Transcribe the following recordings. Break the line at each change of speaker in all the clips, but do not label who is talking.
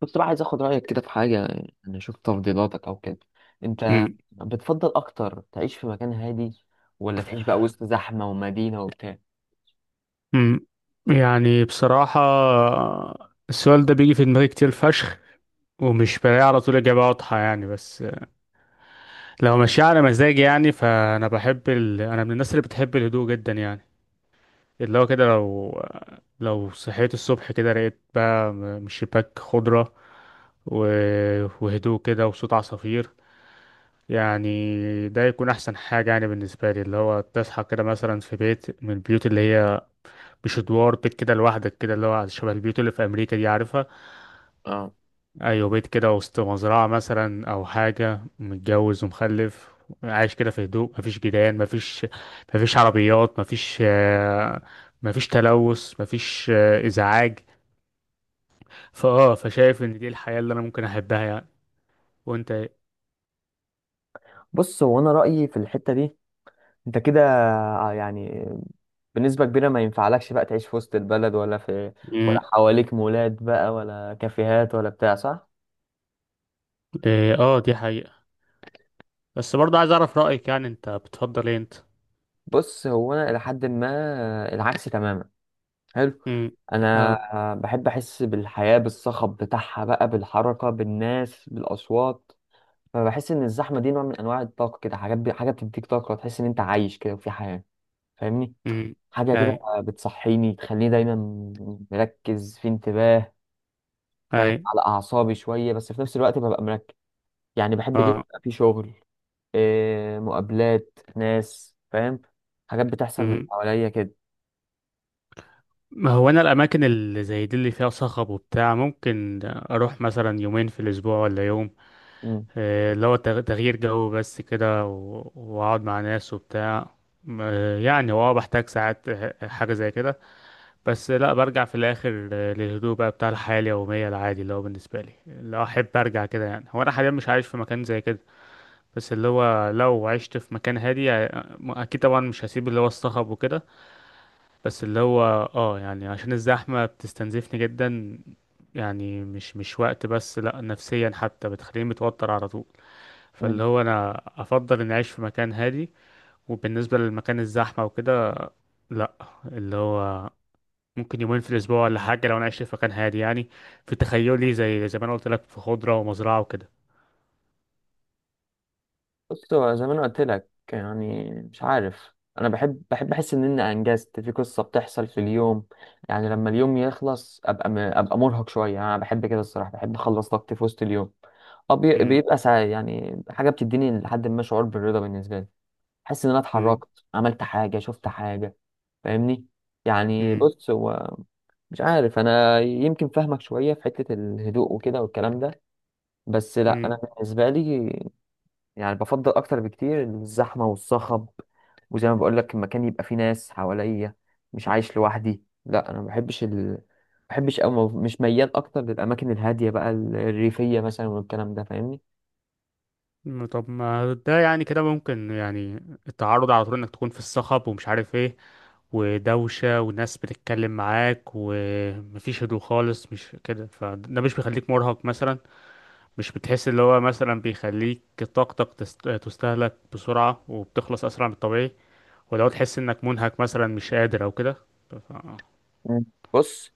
كنت بقى عايز اخد رأيك كده في حاجة، يعني اشوف تفضيلاتك او كده. انت
مم.
بتفضل اكتر تعيش في مكان هادي، ولا تعيش بقى وسط زحمة ومدينة وبتاع؟
مم. يعني بصراحة، السؤال ده بيجي في دماغي كتير فشخ، ومش بلاقي على طول إجابة واضحة يعني. بس لو ماشي على مزاجي يعني، فأنا بحب أنا من الناس اللي بتحب الهدوء جدا يعني. اللي هو كده لو صحيت الصبح كده، لقيت بقى من الشباك خضرة و... وهدوء كده وصوت عصافير يعني. ده يكون أحسن حاجة يعني بالنسبة لي، اللي هو تصحى كده مثلا في بيت من البيوت اللي هي مش ادوار، بيت كده لوحدك، كده اللي هو شبه البيوت اللي في امريكا دي، عارفها.
اه،
ايوه، بيت كده وسط مزرعه مثلا، او حاجه، متجوز ومخلف، عايش كده في هدوء، مفيش جيران، مفيش عربيات، مفيش مفيش تلوث، مفيش ازعاج. فشايف ان دي الحياه اللي انا ممكن احبها يعني. وانت ايه؟
بص، هو انا رأيي في الحتة دي، انت كده، يعني بنسبة كبيرة ما ينفعلكش بقى تعيش في وسط البلد، ولا في ولا
مم.
حواليك مولات بقى، ولا كافيهات، ولا بتاع، صح؟
إيه، اه، دي حقيقه. بس برضه عايز اعرف رايك يعني، انت بتفضل ايه انت؟
بص، هو انا الى حد ما العكس تماما. حلو.
امم.
انا
اه.
بحب احس بالحياه، بالصخب بتاعها بقى، بالحركه، بالناس، بالاصوات. فبحس ان الزحمه دي نوع من انواع الطاقه، كده حاجه بتديك طاقه تحس ان انت عايش كده وفي حياه. فاهمني؟
امم.
حاجه كده،
اي.
بتصحيني، تخليني دايما مركز في انتباه. فاهم؟
اي.
على اعصابي شويه بس في نفس الوقت ببقى مركز. يعني بحب اليوم
اه.
يبقى فيه شغل، إيه، مقابلات ناس، فاهم؟ حاجات بتحصل من حواليا كده.
ما هو انا الاماكن اللي زي دي اللي فيها صخب وبتاع، ممكن اروح مثلا يومين في الاسبوع ولا يوم،
مم.
اللي هو تغيير جو بس كده، واقعد مع ناس وبتاع. يعني هو بحتاج ساعات حاجة زي كده، بس لا برجع في الاخر للهدوء بقى بتاع الحياة اليومية العادي، اللي هو بالنسبة لي اللي احب ارجع كده يعني. هو انا حاليا مش عايش في مكان زي كده، بس اللي هو لو عشت في مكان هادي اكيد طبعا مش هسيب اللي هو الصخب وكده، بس اللي هو اه يعني عشان الزحمة بتستنزفني جدا يعني، مش وقت بس، لا نفسيا حتى بتخليني متوتر على طول. فاللي هو انا افضل اني اعيش في مكان هادي، وبالنسبة للمكان الزحمة وكده، لا، اللي هو ممكن يومين في الاسبوع ولا حاجة لو انا عشت في مكان هادي يعني، في تخيلي زي ما انا قلت لك، في خضرة ومزرعة وكده.
بص، هو زي ما انا قلت لك، يعني مش عارف، انا بحب احس ان انا انجزت في قصه بتحصل في اليوم. يعني لما اليوم يخلص ابقى مرهق شويه. يعني انا بحب كده الصراحه، بحب اخلص طاقتي في وسط اليوم. أه،
م-.
بيبقى ساعة، يعني حاجه بتديني لحد ما شعور بالرضا بالنسبه لي. احس ان انا
م-.
اتحركت، عملت حاجه، شفت حاجه. فاهمني؟ يعني
م-.
بص، هو مش عارف، انا يمكن فاهمك شويه في حته الهدوء وكده والكلام ده. بس لا،
م.
انا بالنسبه لي، يعني بفضل اكتر بكتير الزحمه والصخب. وزي ما بقول لك، المكان يبقى فيه ناس حواليا، مش عايش لوحدي. لا انا ما بحبش او مش ميال اكتر للاماكن الهاديه بقى، الريفيه مثلا والكلام ده. فاهمني؟
م-. طب ما ده يعني كده ممكن يعني، التعرض على طول انك تكون في الصخب ومش عارف ايه، ودوشة وناس بتتكلم معاك ومفيش هدوء خالص، مش كده؟ فده مش بيخليك مرهق مثلا؟ مش بتحس اللي هو مثلا بيخليك طاقتك تستهلك بسرعة وبتخلص أسرع من الطبيعي؟ ولو تحس إنك منهك مثلا مش قادر أو كده؟ ف...
مم. بص،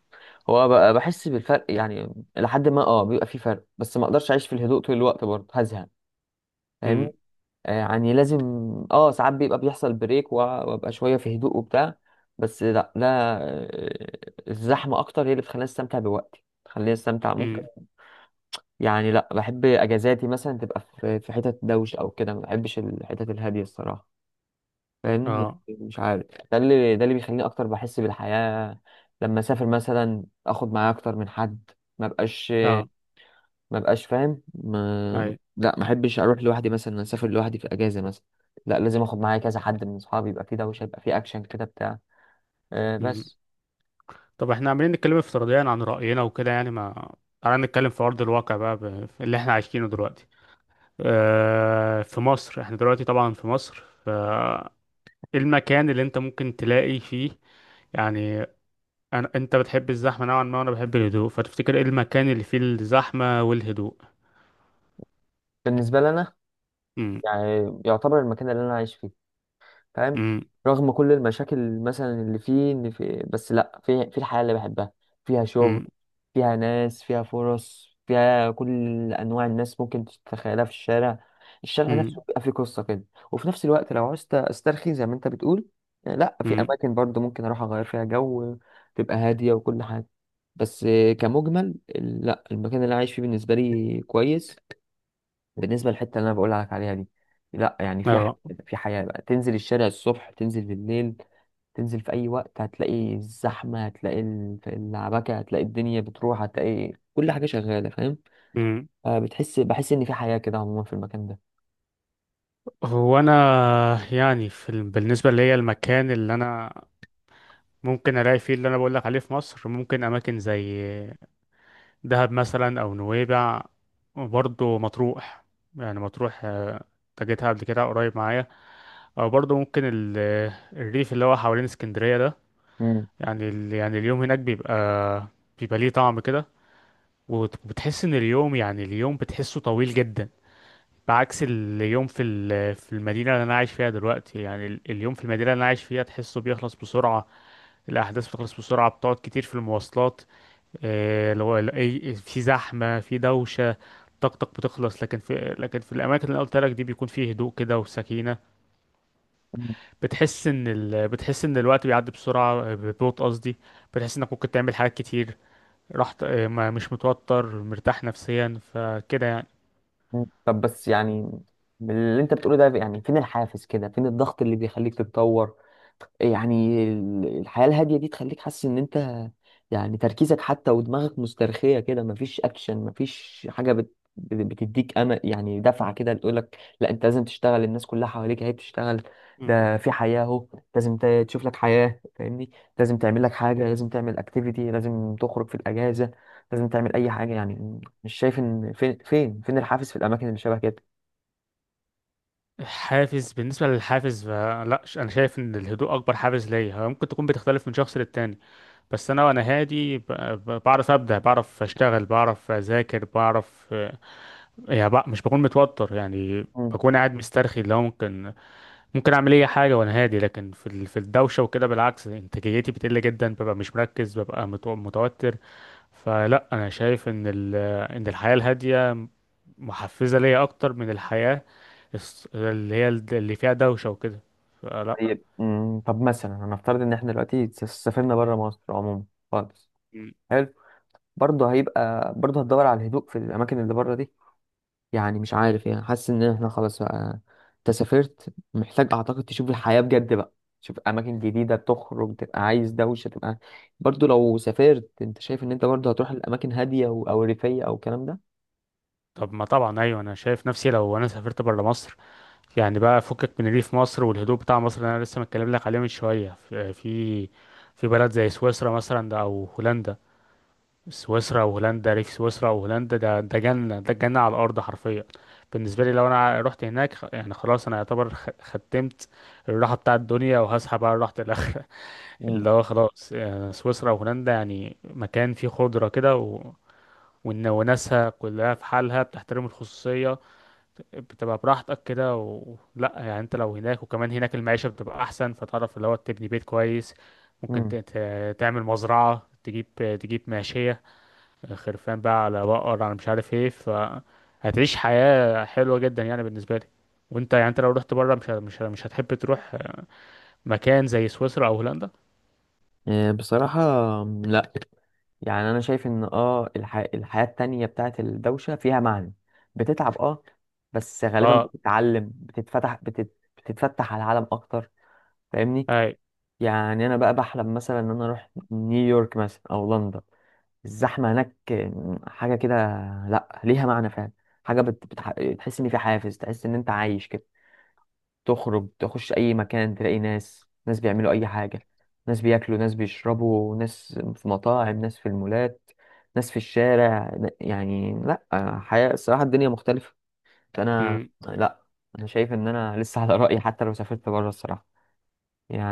هو بقى بحس بالفرق، يعني لحد ما بيبقى فيه فرق، بس ما اقدرش اعيش في الهدوء طول الوقت، برضه هزهق. فاهمني؟
م-.
يعني لازم، اه ساعات بيبقى بيحصل بريك وابقى شويه في هدوء وبتاع. بس لا، ده الزحمه اكتر هي اللي بتخليني استمتع بوقتي، بتخليني استمتع ممكن.
م-.
يعني لا، بحب اجازاتي مثلا تبقى في حتت دوشه او كده. ما بحبش الحتت الهاديه الصراحه. فاهم؟
اه.
مش عارف. ده اللي بيخليني اكتر بحس بالحياه. لما اسافر مثلا اخد معايا اكتر من حد. ما بقاش
اه.
ما بقاش فاهم. ما
اي.
لا، ما احبش اروح لوحدي مثلا، اسافر لوحدي في اجازه مثلا. لا، لازم اخد معايا كذا حد من اصحابي، يبقى فيه دوشه، يبقى فيه اكشن كده بتاع. أه، بس.
طب احنا عمالين نتكلم افتراضيا عن رأينا وكده يعني، ما تعالى نتكلم في أرض الواقع بقى، في اللي احنا عايشينه دلوقتي. اه... في مصر، احنا دلوقتي طبعا في مصر. ف إيه المكان اللي انت ممكن تلاقي فيه يعني؟ انت بتحب الزحمة نوعا ما، وانا بحب الهدوء، فتفتكر ايه المكان اللي فيه الزحمة والهدوء؟
بالنسبه لنا،
امم.
يعني يعتبر المكان اللي انا عايش فيه. فاهم؟
امم.
رغم كل المشاكل مثلا اللي فيه، ان في، بس لا، في الحياة اللي بحبها. فيها شغل،
امم.
فيها ناس، فيها فرص، فيها كل انواع الناس ممكن تتخيلها في الشارع. الشارع نفسه
امم.
بيبقى فيه قصة كده. وفي نفس الوقت لو عاوزت استرخي زي ما انت بتقول، لا، في
امم.
اماكن برضه ممكن اروح اغير فيها جو، تبقى هادية وكل حاجة. بس كمجمل لا، المكان اللي أنا عايش فيه بالنسبة لي كويس. بالنسبه للحته اللي انا بقول لك عليها دي، لا يعني في حياه،
اه.
في حياه بقى، تنزل الشارع الصبح، تنزل بالليل، تنزل في اي وقت، هتلاقي الزحمه، هتلاقي في العبكه، هتلاقي الدنيا بتروح، هتلاقي كل حاجه شغاله. فاهم؟
امم.
بحس ان في حياه كده، عموما في المكان ده.
هو انا يعني في بالنسبه ليا المكان اللي انا ممكن الاقي فيه اللي انا بقول لك عليه في مصر، ممكن اماكن زي دهب مثلا، او نويبع، وبرضه مطروح. يعني مطروح تجيتها قبل كده قريب معايا، او برضه ممكن الريف اللي هو حوالين اسكندرية ده،
مم.
يعني اليوم هناك بيبقى ليه طعم كده، وبتحس ان اليوم، يعني اليوم بتحسه طويل جدا، بعكس اليوم في في المدينة اللي انا عايش فيها دلوقتي. يعني اليوم في المدينة اللي انا عايش فيها، تحسه بيخلص بسرعة، الاحداث بتخلص بسرعة، بتقعد كتير في المواصلات اللي هو في زحمة في دوشة، طاقتك بتخلص. لكن في الأماكن اللي قلت لك دي، بيكون فيه هدوء كده وسكينة.
مم.
بتحس إن الوقت بيعدي بسرعة، ببطء قصدي، بتحس إنك ممكن تعمل حاجات كتير، رحت ما مش متوتر، مرتاح نفسيا فكده يعني.
مم. طب بس يعني، من اللي انت بتقوله ده، يعني فين الحافز كده، فين الضغط اللي بيخليك تتطور؟ يعني الحياة الهادية دي تخليك حاسس ان انت، يعني تركيزك حتى ودماغك مسترخية كده، مفيش اكشن، مفيش حاجة بتديك امل، يعني دفعة كده تقولك لا انت لازم تشتغل، الناس كلها حواليك اهي بتشتغل.
مم.
ده في حياة اهو. لازم تشوف لك حياة. فاهمني؟ لازم تعمل لك حاجة، لازم تعمل اكتيفيتي، لازم تخرج في الاجازة، لازم تعمل اي حاجة. يعني مش شايف ان فين الحافز في الاماكن اللي شبه كده؟
حافز، بالنسبة للحافز فلا أنا شايف إن الهدوء أكبر حافز ليا، هو ممكن تكون بتختلف من شخص للتاني، بس أنا وأنا هادي، بعرف أبدع، بعرف أشتغل، بعرف أذاكر، بعرف يعني بقى مش بكون متوتر يعني،
إمم.
بكون قاعد مسترخي، اللي هو ممكن ممكن اعمل اي حاجه وانا هادي، لكن في في الدوشه وكده، بالعكس انتاجيتي بتقل جدا، ببقى مش مركز، ببقى متوتر. فلا انا شايف ان ان الحياه الهاديه محفزه ليا اكتر من الحياه اللي فيها دوشه وكده، فلا.
طيب، طب مثلا هنفترض ان احنا دلوقتي سافرنا بره مصر عموما. خالص.
م.
حلو. برضه هتدور على الهدوء في الاماكن اللي بره دي؟ يعني مش عارف، يعني حاسس ان احنا خلاص بقى، انت سافرت، محتاج اعتقد تشوف الحياة بجد بقى، تشوف اماكن جديدة، تخرج، تبقى عايز دوشة تبقى. برضه لو سافرت، انت شايف ان انت برضه هتروح الاماكن هادية او ريفية او الكلام ده؟
طب ما طبعا ايوه، انا شايف نفسي لو انا سافرت بره مصر، يعني بقى فكك من ريف مصر والهدوء بتاع مصر اللي انا لسه متكلم لك عليه من شويه، في في بلد زي سويسرا مثلا ده، او هولندا. سويسرا وهولندا، ريف سويسرا وهولندا ده، ده جنه، ده جنه على الارض حرفيا بالنسبه لي. لو انا رحت هناك، يعني خلاص انا يعتبر ختمت الراحه بتاع الدنيا، وهسحب بقى راحه الاخره
امم
اللي هو خلاص. يعني سويسرا وهولندا، يعني مكان فيه خضره كده وناسها كلها في حالها، بتحترم الخصوصيه، بتبقى براحتك كده لا يعني انت لو هناك، وكمان هناك المعيشة بتبقى احسن، فتعرف اللي هو تبني بيت كويس، ممكن تعمل مزرعة، تجيب ماشية، خرفان بقى، على بقر، على مش عارف ايه، فهتعيش حياة حلوة جدا يعني بالنسبة لي. وانت يعني، انت لو رحت بره مش هتحب تروح مكان زي سويسرا او هولندا؟
بصراحة، لا. يعني انا شايف ان الحياة التانية بتاعت الدوشة فيها معنى. بتتعب، اه، بس غالبا
اه.
بتتعلم، بتتفتح، بتتفتح على العالم اكتر. فاهمني؟
اي.
يعني انا بقى بحلم مثلا ان انا اروح نيويورك مثلا او لندن. الزحمة هناك، حاجة كده، لا ليها معنى فعلا. حاجة تحس ان في حافز، تحس ان انت عايش كده. تخرج، تخش اي مكان، تلاقي ناس، ناس بيعملوا اي حاجة، ناس بياكلوا، ناس بيشربوا، ناس في مطاعم، ناس في المولات، ناس في الشارع. يعني لا، حياة الصراحة، الدنيا مختلفة. فانا
امم.
لا، انا شايف ان انا لسه على رأيي حتى لو سافرت بره الصراحة.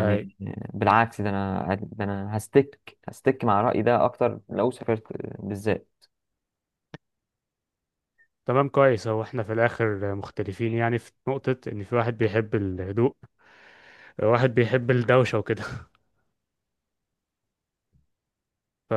اي.
بالعكس، ده انا هستك مع رأيي ده اكتر لو سافرت بالذات.
تمام، كويس، هو احنا في الاخر مختلفين يعني، في نقطة ان في واحد بيحب الهدوء، واحد بيحب الدوشة وكده.